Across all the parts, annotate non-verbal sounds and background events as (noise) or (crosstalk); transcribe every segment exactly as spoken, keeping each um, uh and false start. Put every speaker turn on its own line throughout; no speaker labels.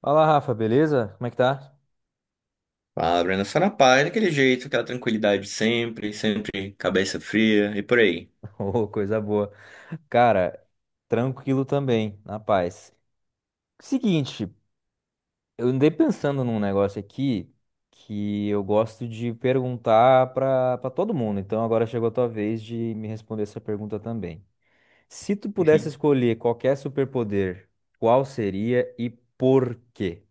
Fala, Rafa, beleza? Como é que tá?
A Brenda Sarapai, daquele jeito, aquela tranquilidade sempre, sempre cabeça fria e por aí.
(laughs) Ô, coisa boa. Cara, tranquilo também, na paz. Seguinte, eu andei pensando num negócio aqui que eu gosto de perguntar pra para todo mundo. Então agora chegou a tua vez de me responder essa pergunta também. Se tu pudesse
(laughs)
escolher qualquer superpoder, qual seria e por quê?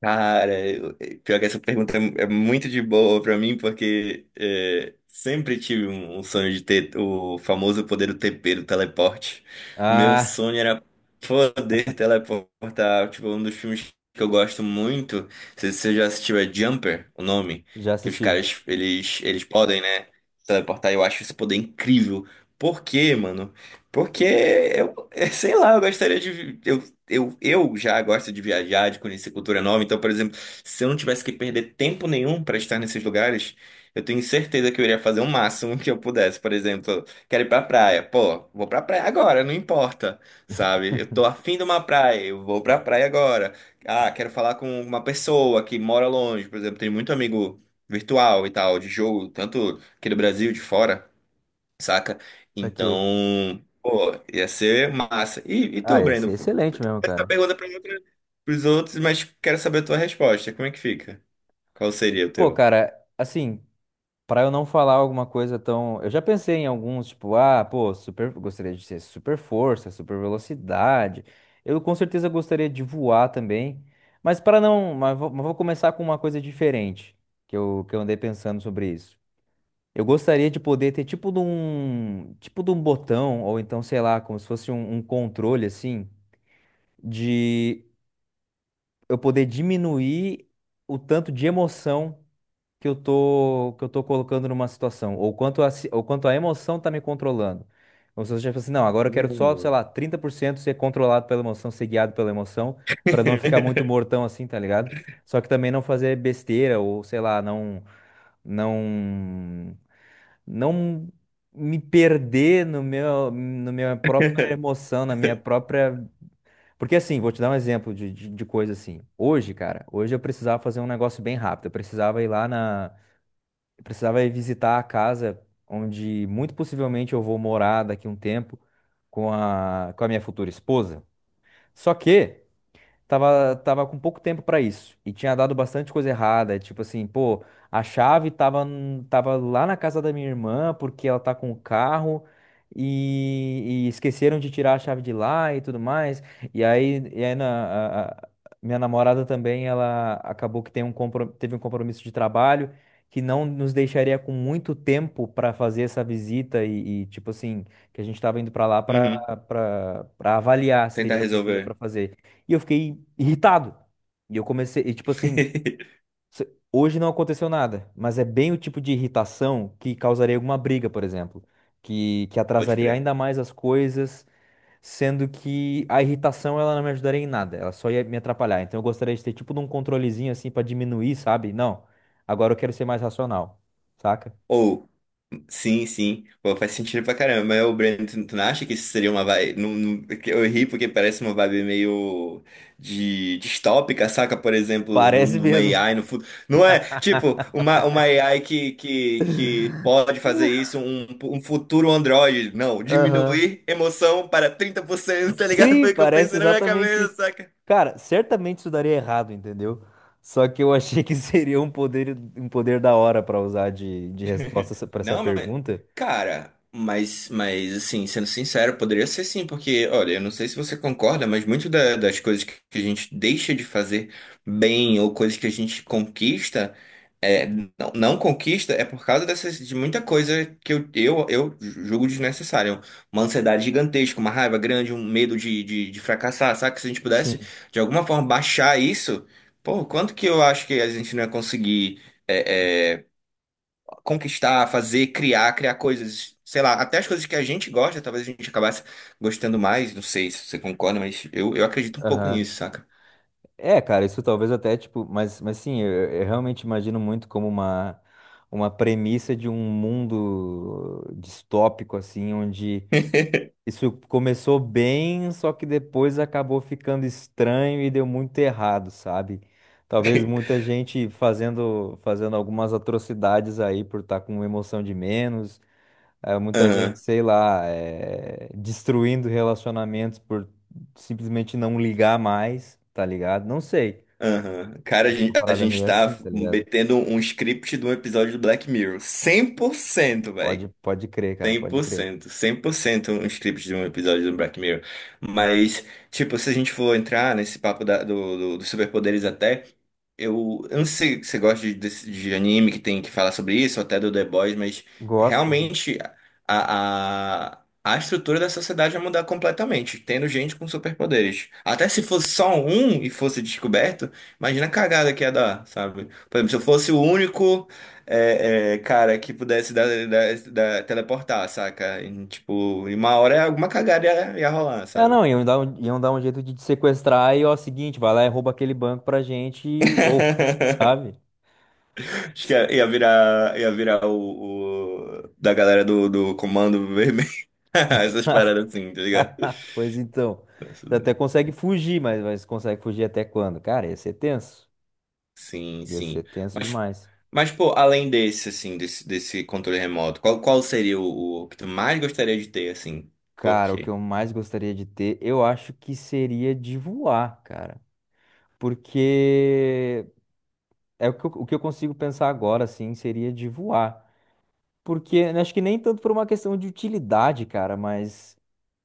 Cara, eu- é, pior que essa pergunta é é muito de boa pra mim, porque é, sempre tive um um sonho de ter o famoso poder do T P, do teleporte. Meu
Ah,
sonho era poder teleportar. Tipo, um dos filmes que eu gosto muito, não sei se você já assistiu, é Jumper, o nome,
já
que os
assisti.
caras, eles, eles podem, né, teleportar. Eu acho esse poder incrível. Por quê, mano? Porque eu, (laughs) sei lá, eu gostaria de eu, eu já gosto de viajar, de conhecer cultura nova. Então, por exemplo, se eu não tivesse que perder tempo nenhum para estar nesses lugares, eu tenho certeza que eu iria fazer o máximo que eu pudesse. Por exemplo, quero ir pra praia. Pô, vou pra praia agora, não importa, sabe? Eu tô afim de uma praia, eu vou pra praia agora. Ah, quero falar com uma pessoa que mora longe. Por exemplo, tenho muito amigo virtual e tal, de jogo, tanto aqui do Brasil, de fora, saca?
Saquei.
Então, pô, ia ser massa. E, e
Ah,
tu,
ia
Breno?
ser excelente mesmo,
Essa
cara.
pergunta pra mim, pra, pros outros, mas quero saber a tua resposta. Como é que fica? Qual seria o
Pô,
teu?
cara, assim. Pra eu não falar alguma coisa tão. Eu já pensei em alguns, tipo, ah, pô, super. Gostaria de ser super força, super velocidade. Eu com certeza gostaria de voar também. Mas para não. Mas vou, mas vou começar com uma coisa diferente que eu, que eu andei pensando sobre isso. Eu gostaria de poder ter tipo de um. Tipo de um botão, ou então, sei lá, como se fosse um, um controle assim, de eu poder diminuir o tanto de emoção que eu tô que eu tô colocando numa situação, ou quanto a, ci- ou quanto a emoção tá me controlando. Ou se eu já falo assim, não, agora eu quero só, sei
Hum.
lá, trinta por cento ser controlado pela emoção, ser guiado pela emoção, pra não ficar muito
(laughs)
mortão assim, tá ligado? Só que também não fazer besteira ou sei lá, não não não me perder no meu no minha própria emoção, na minha própria, porque assim, vou te dar um exemplo de, de, de coisa assim. Hoje, cara, hoje eu precisava fazer um negócio bem rápido. Eu precisava ir lá na, eu precisava ir visitar a casa onde muito possivelmente eu vou morar daqui a um tempo com a, com a minha futura esposa. Só que tava, tava com pouco tempo pra isso. E tinha dado bastante coisa errada. Tipo assim, pô, a chave tava, n- tava lá na casa da minha irmã, porque ela tá com o carro. E, e esqueceram de tirar a chave de lá e tudo mais. E aí, e aí na, a- a- minha namorada também, ela acabou que tem um compro- teve um compromisso de trabalho que não nos deixaria com muito tempo para fazer essa visita e, e, tipo assim, que a gente tava indo para lá para
Uhum,
para avaliar se
tentar
teria alguma coisa para
resolver.
fazer. E eu fiquei irritado. E eu comecei, e tipo assim,
(laughs)
se- hoje não aconteceu nada, mas é bem o tipo de irritação que causaria alguma briga, por exemplo, que, que
Pode
atrasaria
crer.
ainda mais as coisas, sendo que a irritação ela não me ajudaria em nada, ela só ia me atrapalhar. Então eu gostaria de ter tipo de um controlezinho assim pra diminuir, sabe? Não, agora eu quero ser mais racional, saca?
Ou. Sim, sim. Pô, faz sentido pra caramba. Mas o Breno, tu tu não acha que isso seria uma vibe. Não, não- que eu ri porque parece uma vibe meio de distópica, saca? Por exemplo, de um-
Parece
de uma
mesmo.
A I no futuro. Não é, tipo, uma, uma A I que, que, que pode fazer
(laughs)
isso, um, um futuro Android. Não,
Aham.
diminuir emoção para trinta por cento, tá ligado?
Sim,
Foi o que eu
parece
pensei na minha
exatamente isso.
cabeça.
Cara, certamente isso daria errado, entendeu? Só que eu achei que (laughs) seria um poder, um poder da hora pra usar de, de
(laughs)
resposta pra essa
Não, mas.
pergunta.
Cara, mas, mas assim, sendo sincero, poderia ser sim, porque, olha, eu não sei se você concorda, mas muito da- das coisas que a gente deixa de fazer bem ou coisas que a gente conquista, é, não, não conquista, é por causa dessas, de muita coisa que eu, eu, eu julgo desnecessária. Uma ansiedade gigantesca, uma raiva grande, um medo de, de, de fracassar, sabe? Se a gente pudesse,
Sim.
de alguma forma, baixar isso, pô, quanto que eu acho que a gente não ia conseguir é, é, conquistar, fazer, criar, criar coisas, sei lá, até as coisas que a gente gosta, talvez a gente acabasse gostando mais, não sei se você concorda, mas eu, eu acredito um pouco
Aham.
nisso, saca?
É, cara, isso talvez até, tipo, mas, mas sim, eu, eu realmente imagino muito como uma, uma premissa de um mundo distópico, assim, onde isso começou bem, só que depois acabou ficando estranho e deu muito errado, sabe? Talvez muita
(laughs)
gente fazendo, fazendo algumas atrocidades aí por estar com emoção de menos, eh, muita gente,
Aham,
sei lá, eh, destruindo relacionamentos por simplesmente não ligar mais, tá ligado? Não sei.
aham. Cara, a
Uma
gente, a
parada
gente
meio assim,
tá
tá ligado?
metendo um script de um episódio do Black Mirror. Cem por cento,
Pode,
velho.
pode crer, cara,
cem cem
pode
por
crer.
cento, cem por cento um script de um episódio do Black Mirror. Mas, tipo, se a gente for entrar nesse papo da- do, do- dos superpoderes até, eu, eu não sei se você gosta de, desse- de anime que tem que falar sobre isso, ou até do The Boys, mas
Gosto.
realmente a, a, a estrutura da sociedade vai mudar completamente, tendo gente com superpoderes. Até se fosse só um e fosse descoberto, imagina a cagada que ia dar, sabe? Por exemplo, se eu fosse o único. É, é, cara, que pudesse dar, dar- dar- teleportar, saca? E, tipo, em uma hora alguma cagada ia, ia rolar,
É,
sabe?
não, iam dar um, iam dar um jeito de te sequestrar e, ó, seguinte, vai lá e rouba aquele banco pra gente, e- ou, (laughs) sabe?
(laughs) Acho que ia, ia virar, ia virar o, o- da galera do, do Comando Vermelho. (laughs) Essas paradas assim, tá ligado?
(laughs) Pois então,
Nossa,
você até
Deus.
consegue fugir, mas, mas consegue fugir até quando? Cara, ia ser tenso.
Sim,
Ia ser
sim.
tenso
Mas,
demais.
mas pô, além desse, assim, desse, desse controle remoto, qual, qual seria o, o que tu mais gostaria de ter, assim? Por
Cara, o que
quê?
eu mais gostaria de ter, eu acho que seria de voar, cara. Porque é o que eu, o que eu consigo pensar agora, assim, seria de voar. Porque né, acho que nem tanto por uma questão de utilidade, cara, mas.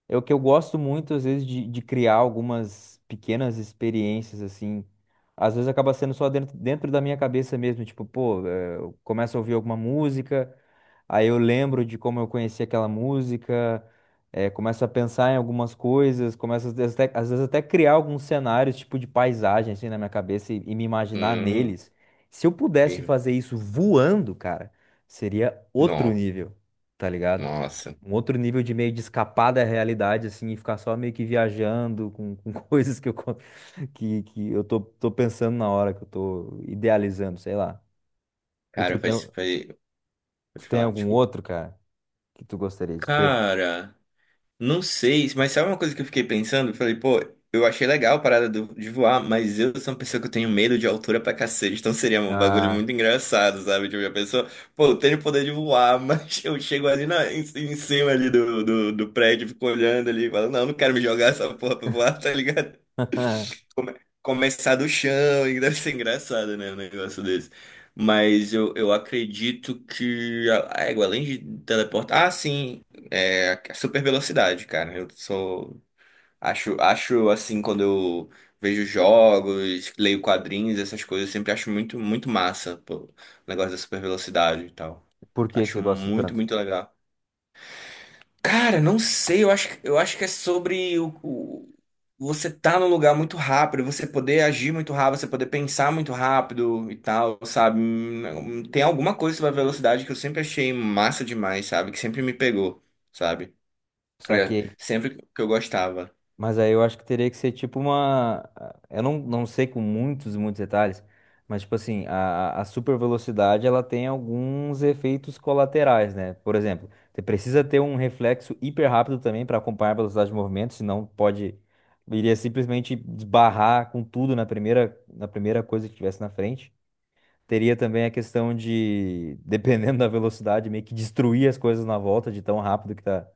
É o que eu gosto muito, às vezes, de, de criar algumas pequenas experiências, assim. Às vezes acaba sendo só dentro, dentro da minha cabeça mesmo. Tipo, pô, eh, eu começo a ouvir alguma música, aí eu lembro de como eu conheci aquela música, eh, começo a pensar em algumas coisas, começo às vezes, até, às vezes até criar alguns cenários, tipo de paisagem, assim, na minha cabeça e, e me imaginar
Hum,
neles. Se eu pudesse
firme.
fazer isso voando, cara, seria outro
Nó,
nível, tá ligado?
nossa.
Um outro nível de meio de escapar da realidade, assim, e ficar só meio que viajando com, com (laughs) coisas que eu, co- que, que eu tô, tô pensando na hora, que eu tô idealizando, sei lá. E tu
Cara,
tem,
faz, faz.
tu
Pode
tem
falar,
algum
desculpa.
outro, cara, que tu gostaria de ter?
Cara. Não sei, mas sabe uma coisa que eu fiquei pensando? Eu falei, pô, eu achei legal a parada do- de voar, mas eu sou uma pessoa que eu tenho medo de altura pra cacete, então seria um bagulho
Ah,
muito engraçado, sabe? Tipo, a pessoa, pô, eu tenho o poder de voar, mas (laughs) eu chego ali na, em, em cima ali do, do, do prédio, fico olhando ali, falo, não, não quero me jogar essa porra pra voar, (laughs) tá ligado?
(laughs)
Come- Começar do chão, e deve ser engraçado, né, um negócio desse. Mas eu, eu acredito que a a égua, além de teleportar. Ah, sim. É, super velocidade, cara. Eu sou. Acho, acho assim, quando eu vejo jogos, leio quadrinhos, essas coisas, eu sempre acho muito, muito massa, pô, o negócio da super velocidade e tal.
por que que
Acho
você gosta
muito,
tanto?
muito legal. Cara, não sei, eu acho, eu acho que é sobre o, o- você tá num lugar muito rápido, você poder agir muito rápido, você poder pensar muito rápido e tal, sabe? Hum, Tem alguma coisa sobre a velocidade que eu sempre achei massa demais, sabe? Que sempre me pegou, sabe? É,
Saquei.
sempre que eu gostava.
Mas aí eu acho que teria que ser tipo uma. Eu não, não sei com muitos, muitos detalhes, mas tipo assim, a, a super velocidade ela tem alguns efeitos colaterais, né? Por exemplo, você precisa ter um reflexo hiper rápido também para acompanhar a velocidade de movimento, senão pode. Iria simplesmente esbarrar com tudo na primeira, na primeira coisa que tivesse na frente. Teria também a questão de, (laughs) dependendo da velocidade, meio que destruir as coisas na volta de tão rápido que tá,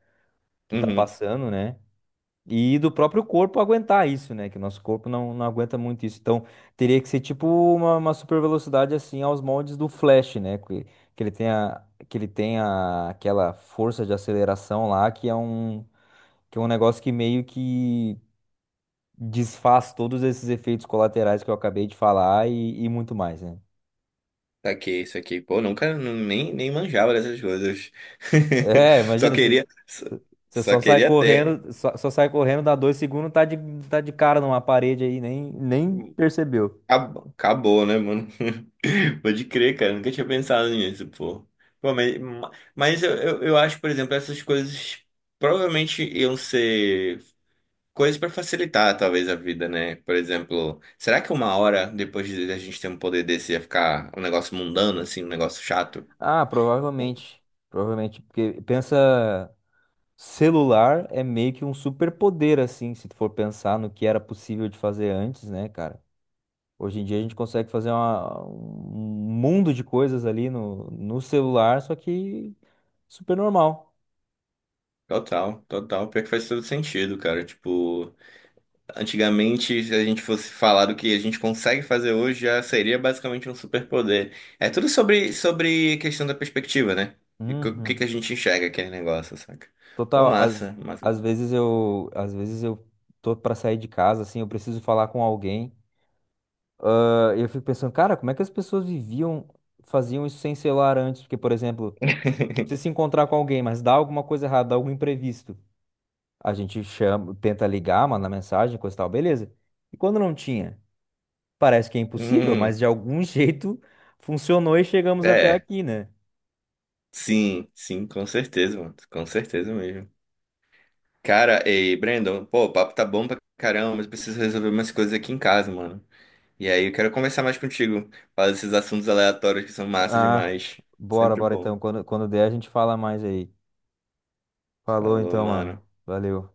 que tá
Uhum.
passando, né? E do próprio corpo aguentar isso, né? Que o nosso corpo não, não aguenta muito isso. Então, teria que ser tipo uma, uma, super velocidade assim aos moldes do Flash, né? Que, que ele tenha, que ele tenha aquela força de aceleração lá, que é um, que é um negócio que meio que desfaz todos esses efeitos colaterais que eu acabei de falar e, e muito mais, né?
Saquei isso aqui. Pô, nunca nu- nem, nem manjava dessas coisas.
É,
(laughs) Só
imagina, você
queria. Só,
você
só
só sai
queria ter.
correndo, só, só sai correndo, dá dois segundos, tá de, tá de cara numa parede aí, nem, nem percebeu.
Acab- Acabou, né, mano? (laughs) Pode crer, cara. Nunca tinha pensado nisso, pô. Pô, mas ma- mas eu, eu, eu acho, por exemplo, essas coisas provavelmente iam ser coisas pra facilitar, talvez, a vida, né? Por exemplo, será que uma hora depois de a gente ter um poder desse ia ficar um negócio mundano, assim, um negócio chato?
Ah, provavelmente. Provavelmente. Porque pensa, celular é meio que um superpoder, assim, se tu for pensar no que era possível de fazer antes, né, cara? Hoje em dia a gente consegue fazer uma- um mundo de coisas ali no, no celular, só que super normal.
Total, total. Pior que faz todo sentido, cara. Tipo, antigamente, se a gente fosse falar do que a gente consegue fazer hoje, já seria basicamente um superpoder. É tudo sobre, sobre questão da perspectiva, né? E co- o que
Uhum.
que a gente enxerga aquele negócio, saca? Pô,
Total, às,
massa, massa.
às vezes eu, às vezes eu tô pra sair de casa, assim, eu preciso falar com alguém. Ah, eu fico pensando, cara, como é que as pessoas viviam, faziam isso sem celular antes? Porque, por exemplo, você
(laughs)
se encontrar com alguém, mas dá alguma coisa errada, dá algum imprevisto, a gente chama, tenta ligar, manda mensagem, coisa e tal, beleza. E quando não tinha, parece que é impossível,
Hum,
mas de algum (laughs) jeito funcionou e chegamos até
é,
aqui, né?
sim, sim, com certeza, mano. Com certeza mesmo. Cara, ei, Brandon, pô, o papo tá bom pra caramba, mas eu preciso resolver umas coisas aqui em casa, mano. E aí, eu quero conversar mais contigo. Falar desses assuntos aleatórios que são massa
Ah,
demais.
bora,
Sempre
bora
bom.
então. Quando, quando der, a gente fala mais aí. Falou
Falou,
então, mano.
mano.
Valeu.